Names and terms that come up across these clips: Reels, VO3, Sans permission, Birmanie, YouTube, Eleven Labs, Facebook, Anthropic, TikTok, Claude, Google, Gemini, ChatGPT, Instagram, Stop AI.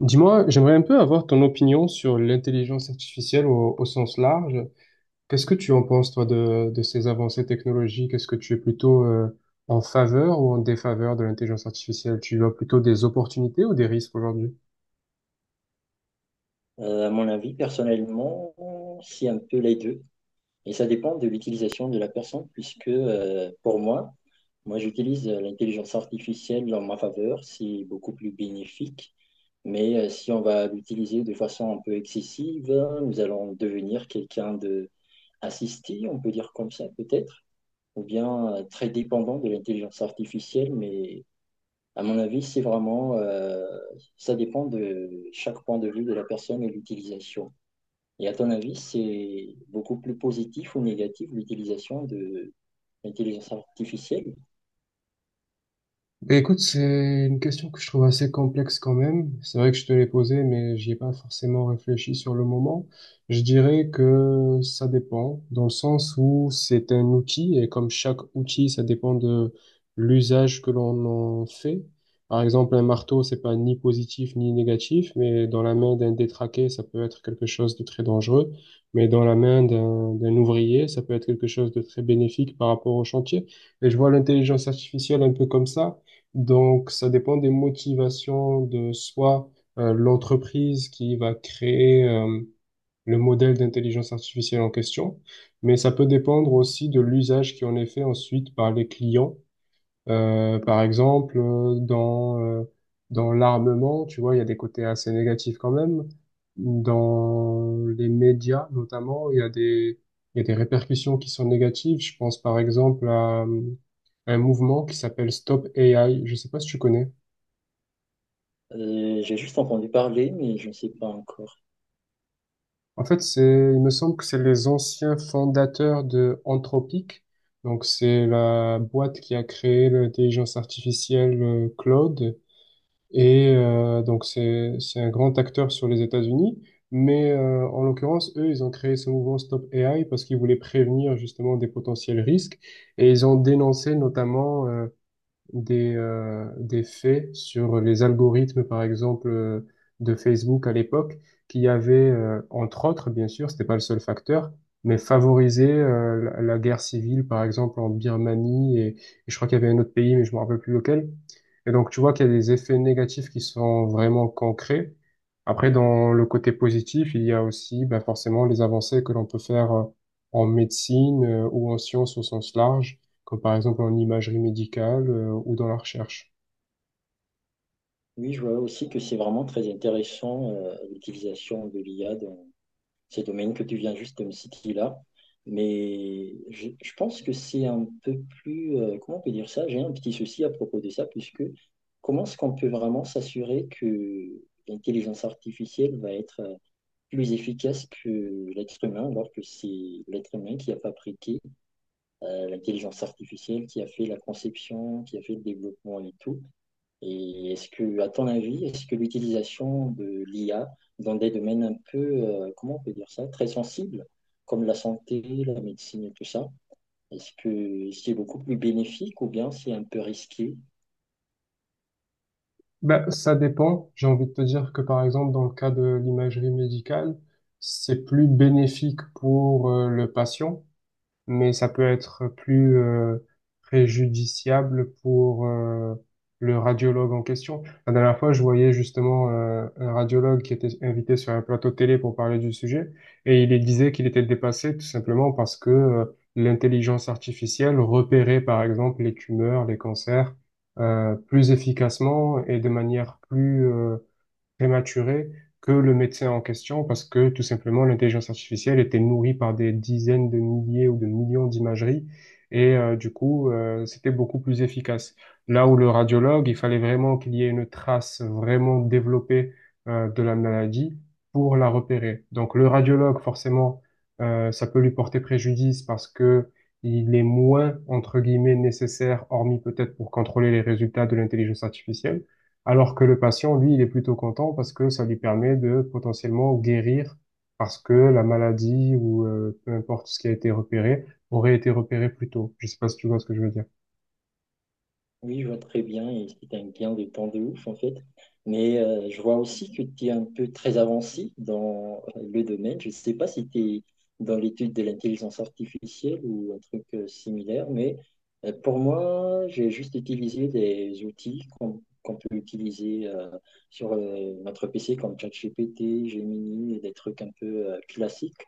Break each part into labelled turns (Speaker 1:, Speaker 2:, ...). Speaker 1: Dis-moi, j'aimerais un peu avoir ton opinion sur l'intelligence artificielle au sens large. Qu'est-ce que tu en penses, toi, de ces avancées technologiques? Est-ce que tu es plutôt en faveur ou en défaveur de l'intelligence artificielle? Tu vois plutôt des opportunités ou des risques aujourd'hui?
Speaker 2: À mon avis, personnellement, c'est un peu les deux. Et ça dépend de l'utilisation de la personne, puisque pour moi, moi j'utilise l'intelligence artificielle en ma faveur, c'est beaucoup plus bénéfique. Mais si on va l'utiliser de façon un peu excessive, nous allons devenir quelqu'un de assisté, on peut dire comme ça peut-être, ou bien très dépendant de l'intelligence artificielle. Mais à mon avis, c'est vraiment, ça dépend de chaque point de vue de la personne et l'utilisation. Et à ton avis, c'est beaucoup plus positif ou négatif l'utilisation de l'intelligence artificielle?
Speaker 1: Ben, écoute, c'est une question que je trouve assez complexe quand même. C'est vrai que je te l'ai posée, mais j'y ai pas forcément réfléchi sur le moment. Je dirais que ça dépend, dans le sens où c'est un outil, et comme chaque outil, ça dépend de l'usage que l'on en fait. Par exemple, un marteau, c'est pas ni positif ni négatif, mais dans la main d'un détraqué, ça peut être quelque chose de très dangereux. Mais dans la main d'un ouvrier, ça peut être quelque chose de très bénéfique par rapport au chantier. Et je vois l'intelligence artificielle un peu comme ça. Donc, ça dépend des motivations de soit l'entreprise qui va créer le modèle d'intelligence artificielle en question, mais ça peut dépendre aussi de l'usage qui en est fait ensuite par les clients, par exemple, dans l'armement, tu vois, il y a des côtés assez négatifs quand même. Dans les médias, notamment, il y a des répercussions qui sont négatives. Je pense par exemple à un mouvement qui s'appelle Stop AI. Je sais pas si tu connais.
Speaker 2: J'ai juste entendu parler, mais je ne sais pas encore.
Speaker 1: En fait, c'est, il me semble que c'est les anciens fondateurs de Anthropic. Donc, c'est la boîte qui a créé l'intelligence artificielle Claude. Et donc, c'est un grand acteur sur les États-Unis. Mais en l'occurrence, eux, ils ont créé ce mouvement Stop AI parce qu'ils voulaient prévenir justement des potentiels risques. Et ils ont dénoncé notamment des faits sur les algorithmes, par exemple, de Facebook à l'époque, qui avaient, entre autres, bien sûr, c'était pas le seul facteur, mais favorisé la guerre civile, par exemple, en Birmanie, et je crois qu'il y avait un autre pays, mais je me rappelle plus lequel. Et donc, tu vois qu'il y a des effets négatifs qui sont vraiment concrets. Après, dans le côté positif, il y a aussi bah forcément les avancées que l'on peut faire en médecine, ou en sciences au sens large, comme par exemple en imagerie médicale, ou dans la recherche.
Speaker 2: Oui, je vois aussi que c'est vraiment très intéressant l'utilisation de l'IA dans ces domaines que tu viens juste de me citer là. Mais je pense que c'est un peu plus, comment on peut dire ça? J'ai un petit souci à propos de ça, puisque comment est-ce qu'on peut vraiment s'assurer que l'intelligence artificielle va être plus efficace que l'être humain, alors que c'est l'être humain qui a fabriqué l'intelligence artificielle, qui a fait la conception, qui a fait le développement et tout. Et est-ce que, à ton avis, est-ce que l'utilisation de l'IA dans des domaines un peu, comment on peut dire ça, très sensibles, comme la santé, la médecine et tout ça, est-ce que c'est beaucoup plus bénéfique ou bien c'est un peu risqué?
Speaker 1: Ben, ça dépend. J'ai envie de te dire que par exemple dans le cas de l'imagerie médicale, c'est plus bénéfique pour le patient, mais ça peut être plus préjudiciable pour le radiologue en question. La dernière fois, je voyais justement un radiologue qui était invité sur un plateau télé pour parler du sujet, et il disait qu'il était dépassé tout simplement parce que l'intelligence artificielle repérait par exemple les tumeurs, les cancers plus efficacement et de manière plus prématurée que le médecin en question parce que tout simplement l'intelligence artificielle était nourrie par des dizaines de milliers ou de millions d'imageries, et du coup c'était beaucoup plus efficace. Là où le radiologue, il fallait vraiment qu'il y ait une trace vraiment développée de la maladie pour la repérer. Donc le radiologue, forcément, ça peut lui porter préjudice parce que il est moins, entre guillemets, nécessaire, hormis peut-être pour contrôler les résultats de l'intelligence artificielle. Alors que le patient, lui, il est plutôt content parce que ça lui permet de potentiellement guérir, parce que la maladie, ou peu importe ce qui a été repéré, aurait été repéré plus tôt. Je sais pas si tu vois ce que je veux dire.
Speaker 2: Oui, je vois très bien, et c'est un gain de temps de ouf en fait. Mais je vois aussi que tu es un peu très avancé dans le domaine. Je ne sais pas si tu es dans l'étude de l'intelligence artificielle ou un truc similaire, mais pour moi, j'ai juste utilisé des outils qu'on peut utiliser sur notre PC comme ChatGPT, Gemini, et des trucs un peu classiques.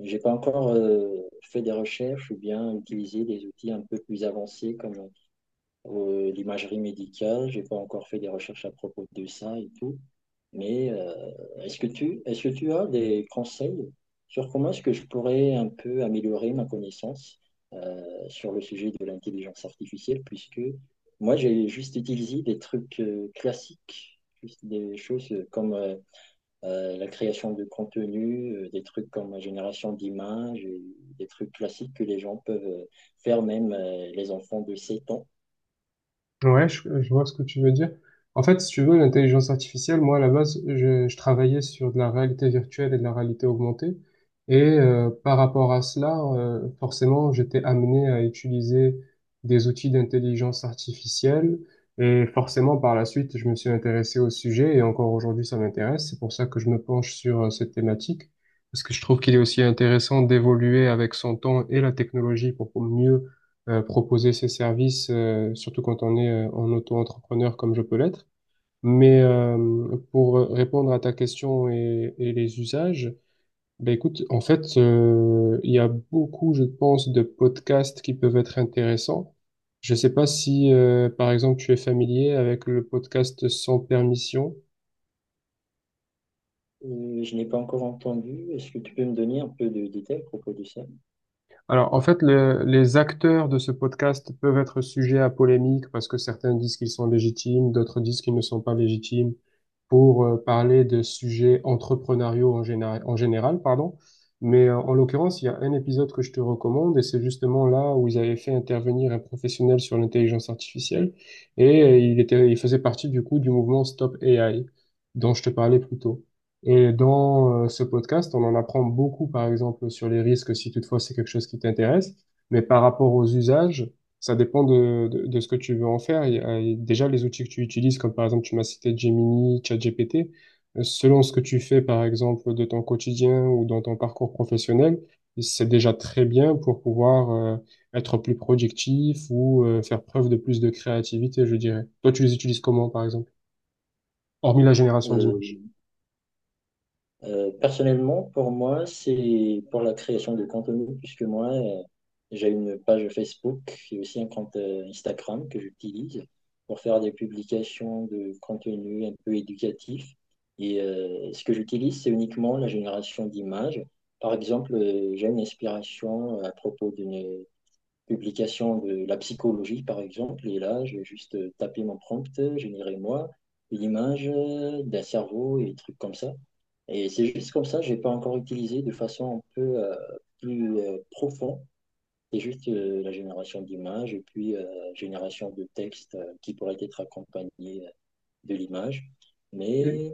Speaker 2: J'ai pas encore fait des recherches ou bien utilisé des outils un peu plus avancés comme l'imagerie médicale. J'ai pas encore fait des recherches à propos de ça et tout. Mais est-ce que est-ce que tu as des conseils sur comment est-ce que je pourrais un peu améliorer ma connaissance sur le sujet de l'intelligence artificielle, puisque moi j'ai juste utilisé des trucs classiques, juste des choses comme la création de contenu, des trucs comme la génération d'images, et des trucs classiques que les gens peuvent faire, même les enfants de 7 ans.
Speaker 1: Ouais, je vois ce que tu veux dire. En fait, si tu veux, l'intelligence artificielle, moi, à la base, je travaillais sur de la réalité virtuelle et de la réalité augmentée. Et par rapport à cela, forcément, j'étais amené à utiliser des outils d'intelligence artificielle. Et forcément, par la suite, je me suis intéressé au sujet et encore aujourd'hui, ça m'intéresse. C'est pour ça que je me penche sur cette thématique, parce que je trouve qu'il est aussi intéressant d'évoluer avec son temps et la technologie pour mieux proposer ses services, surtout quand on est en auto-entrepreneur comme je peux l'être. Mais pour répondre à ta question et les usages, ben écoute, en fait, il y a beaucoup, je pense, de podcasts qui peuvent être intéressants. Je sais pas si, par exemple, tu es familier avec le podcast Sans permission.
Speaker 2: Je n'ai pas encore entendu. Est-ce que tu peux me donner un peu de détails à propos de ça?
Speaker 1: Alors, en fait, les acteurs de ce podcast peuvent être sujets à polémique parce que certains disent qu'ils sont légitimes, d'autres disent qu'ils ne sont pas légitimes pour parler de sujets entrepreneuriaux en général, pardon. Mais en l'occurrence, il y a un épisode que je te recommande et c'est justement là où ils avaient fait intervenir un professionnel sur l'intelligence artificielle, et il faisait partie du coup du mouvement Stop AI dont je te parlais plus tôt. Et dans ce podcast, on en apprend beaucoup, par exemple, sur les risques, si toutefois c'est quelque chose qui t'intéresse. Mais par rapport aux usages, ça dépend de ce que tu veux en faire. Il y a déjà les outils que tu utilises, comme par exemple, tu m'as cité Gemini, ChatGPT. Selon ce que tu fais, par exemple, de ton quotidien ou dans ton parcours professionnel, c'est déjà très bien pour pouvoir être plus productif ou faire preuve de plus de créativité, je dirais. Toi, tu les utilises comment, par exemple? Hormis la génération d'images.
Speaker 2: Euh, personnellement, pour moi, c'est pour la création de contenu, puisque moi, j'ai une page Facebook et aussi un compte Instagram que j'utilise pour faire des publications de contenu un peu éducatif. Et ce que j'utilise, c'est uniquement la génération d'images. Par exemple, j'ai une inspiration à propos d'une publication de la psychologie, par exemple, et là, je vais juste taper mon prompt, générer moi l'image d'un cerveau et des trucs comme ça. Et c'est juste comme ça, j'ai pas encore utilisé de façon un peu plus profonde. C'est juste la génération d'images et puis génération de textes qui pourraient être accompagnés de l'image.
Speaker 1: Et-
Speaker 2: Mais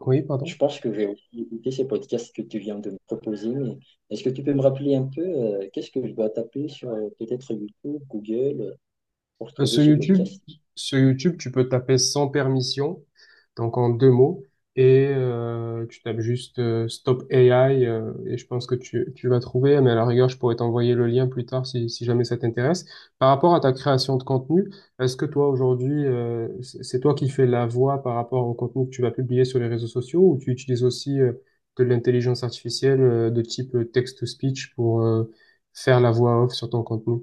Speaker 1: Oui,
Speaker 2: je
Speaker 1: pardon.
Speaker 2: pense que je vais aussi écouter ces podcasts que tu viens de me proposer, mais est-ce que tu peux me rappeler un peu qu'est-ce que je dois taper sur peut-être YouTube, Google, pour
Speaker 1: Euh,
Speaker 2: trouver
Speaker 1: Sur
Speaker 2: ces
Speaker 1: YouTube,
Speaker 2: podcasts?
Speaker 1: sur YouTube, tu peux taper sans permission, donc en deux mots, et tu tapes juste Stop AI, et je pense que tu vas trouver, mais à la rigueur, je pourrais t'envoyer le lien plus tard si, si jamais ça t'intéresse. Par rapport à ta création de contenu, est-ce que toi aujourd'hui, c'est toi qui fais la voix par rapport au contenu que tu vas publier sur les réseaux sociaux, ou tu utilises aussi de l'intelligence artificielle de type text-to-speech pour faire la voix off sur ton contenu?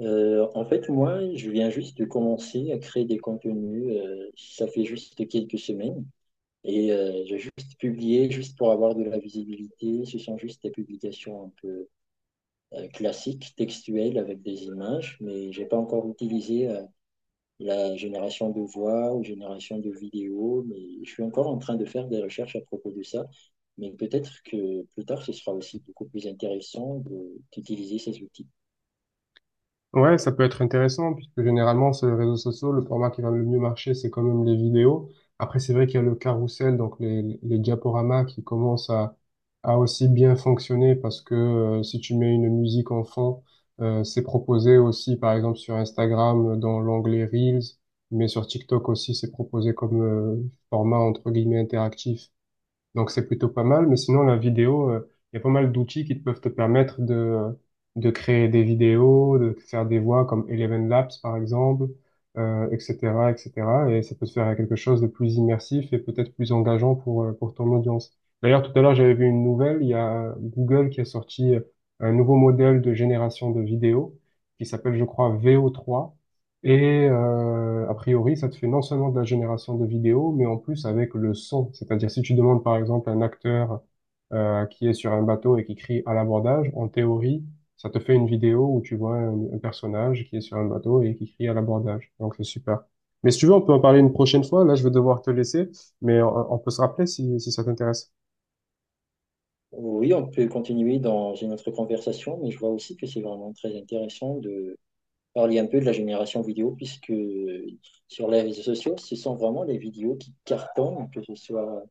Speaker 2: En fait, moi, je viens juste de commencer à créer des contenus. Ça fait juste quelques semaines. Et j'ai juste publié, juste pour avoir de la visibilité. Ce sont juste des publications un peu classiques, textuelles, avec des images, mais j'ai pas encore utilisé la génération de voix ou génération de vidéos, mais je suis encore en train de faire des recherches à propos de ça. Mais peut-être que plus tard, ce sera aussi beaucoup plus intéressant de- d'utiliser ces outils.
Speaker 1: Ouais, ça peut être intéressant, puisque généralement, sur les réseaux sociaux, le format qui va le mieux marcher, c'est quand même les vidéos. Après, c'est vrai qu'il y a le carrousel, donc les diaporamas qui commencent à aussi bien fonctionner, parce que si tu mets une musique en fond, c'est proposé aussi, par exemple, sur Instagram, dans l'onglet Reels, mais sur TikTok aussi, c'est proposé comme format, entre guillemets, interactif. Donc c'est plutôt pas mal, mais sinon la vidéo, il y a pas mal d'outils qui te peuvent te permettre de créer des vidéos, de faire des voix comme Eleven Labs par exemple, etc., etc. Et cetera. Et ça peut te faire quelque chose de plus immersif et peut-être plus engageant pour ton audience. D'ailleurs, tout à l'heure, j'avais vu une nouvelle, il y a Google qui a sorti un nouveau modèle de génération de vidéos qui s'appelle, je crois, VO3. Et a priori, ça te fait non seulement de la génération de vidéos, mais en plus avec le son. C'est-à-dire si tu demandes par exemple un acteur qui est sur un bateau et qui crie à l'abordage, en théorie, ça te fait une vidéo où tu vois un personnage qui est sur un bateau et qui crie à l'abordage. Donc c'est super. Mais si tu veux, on peut en parler une prochaine fois. Là, je vais devoir te laisser, mais on peut se rappeler si, si ça t'intéresse.
Speaker 2: Oui, on peut continuer dans une autre conversation, mais je vois aussi que c'est vraiment très intéressant de parler un peu de la génération vidéo, puisque sur les réseaux sociaux, ce sont vraiment les vidéos qui cartonnent, que ce soit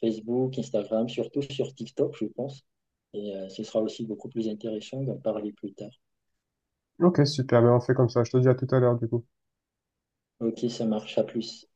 Speaker 2: Facebook, Instagram, surtout sur TikTok, je pense. Et ce sera aussi beaucoup plus intéressant d'en parler plus tard.
Speaker 1: Ok, super. Ben, on fait comme ça. Je te dis à tout à l'heure du coup.
Speaker 2: Ok, ça marche, à plus.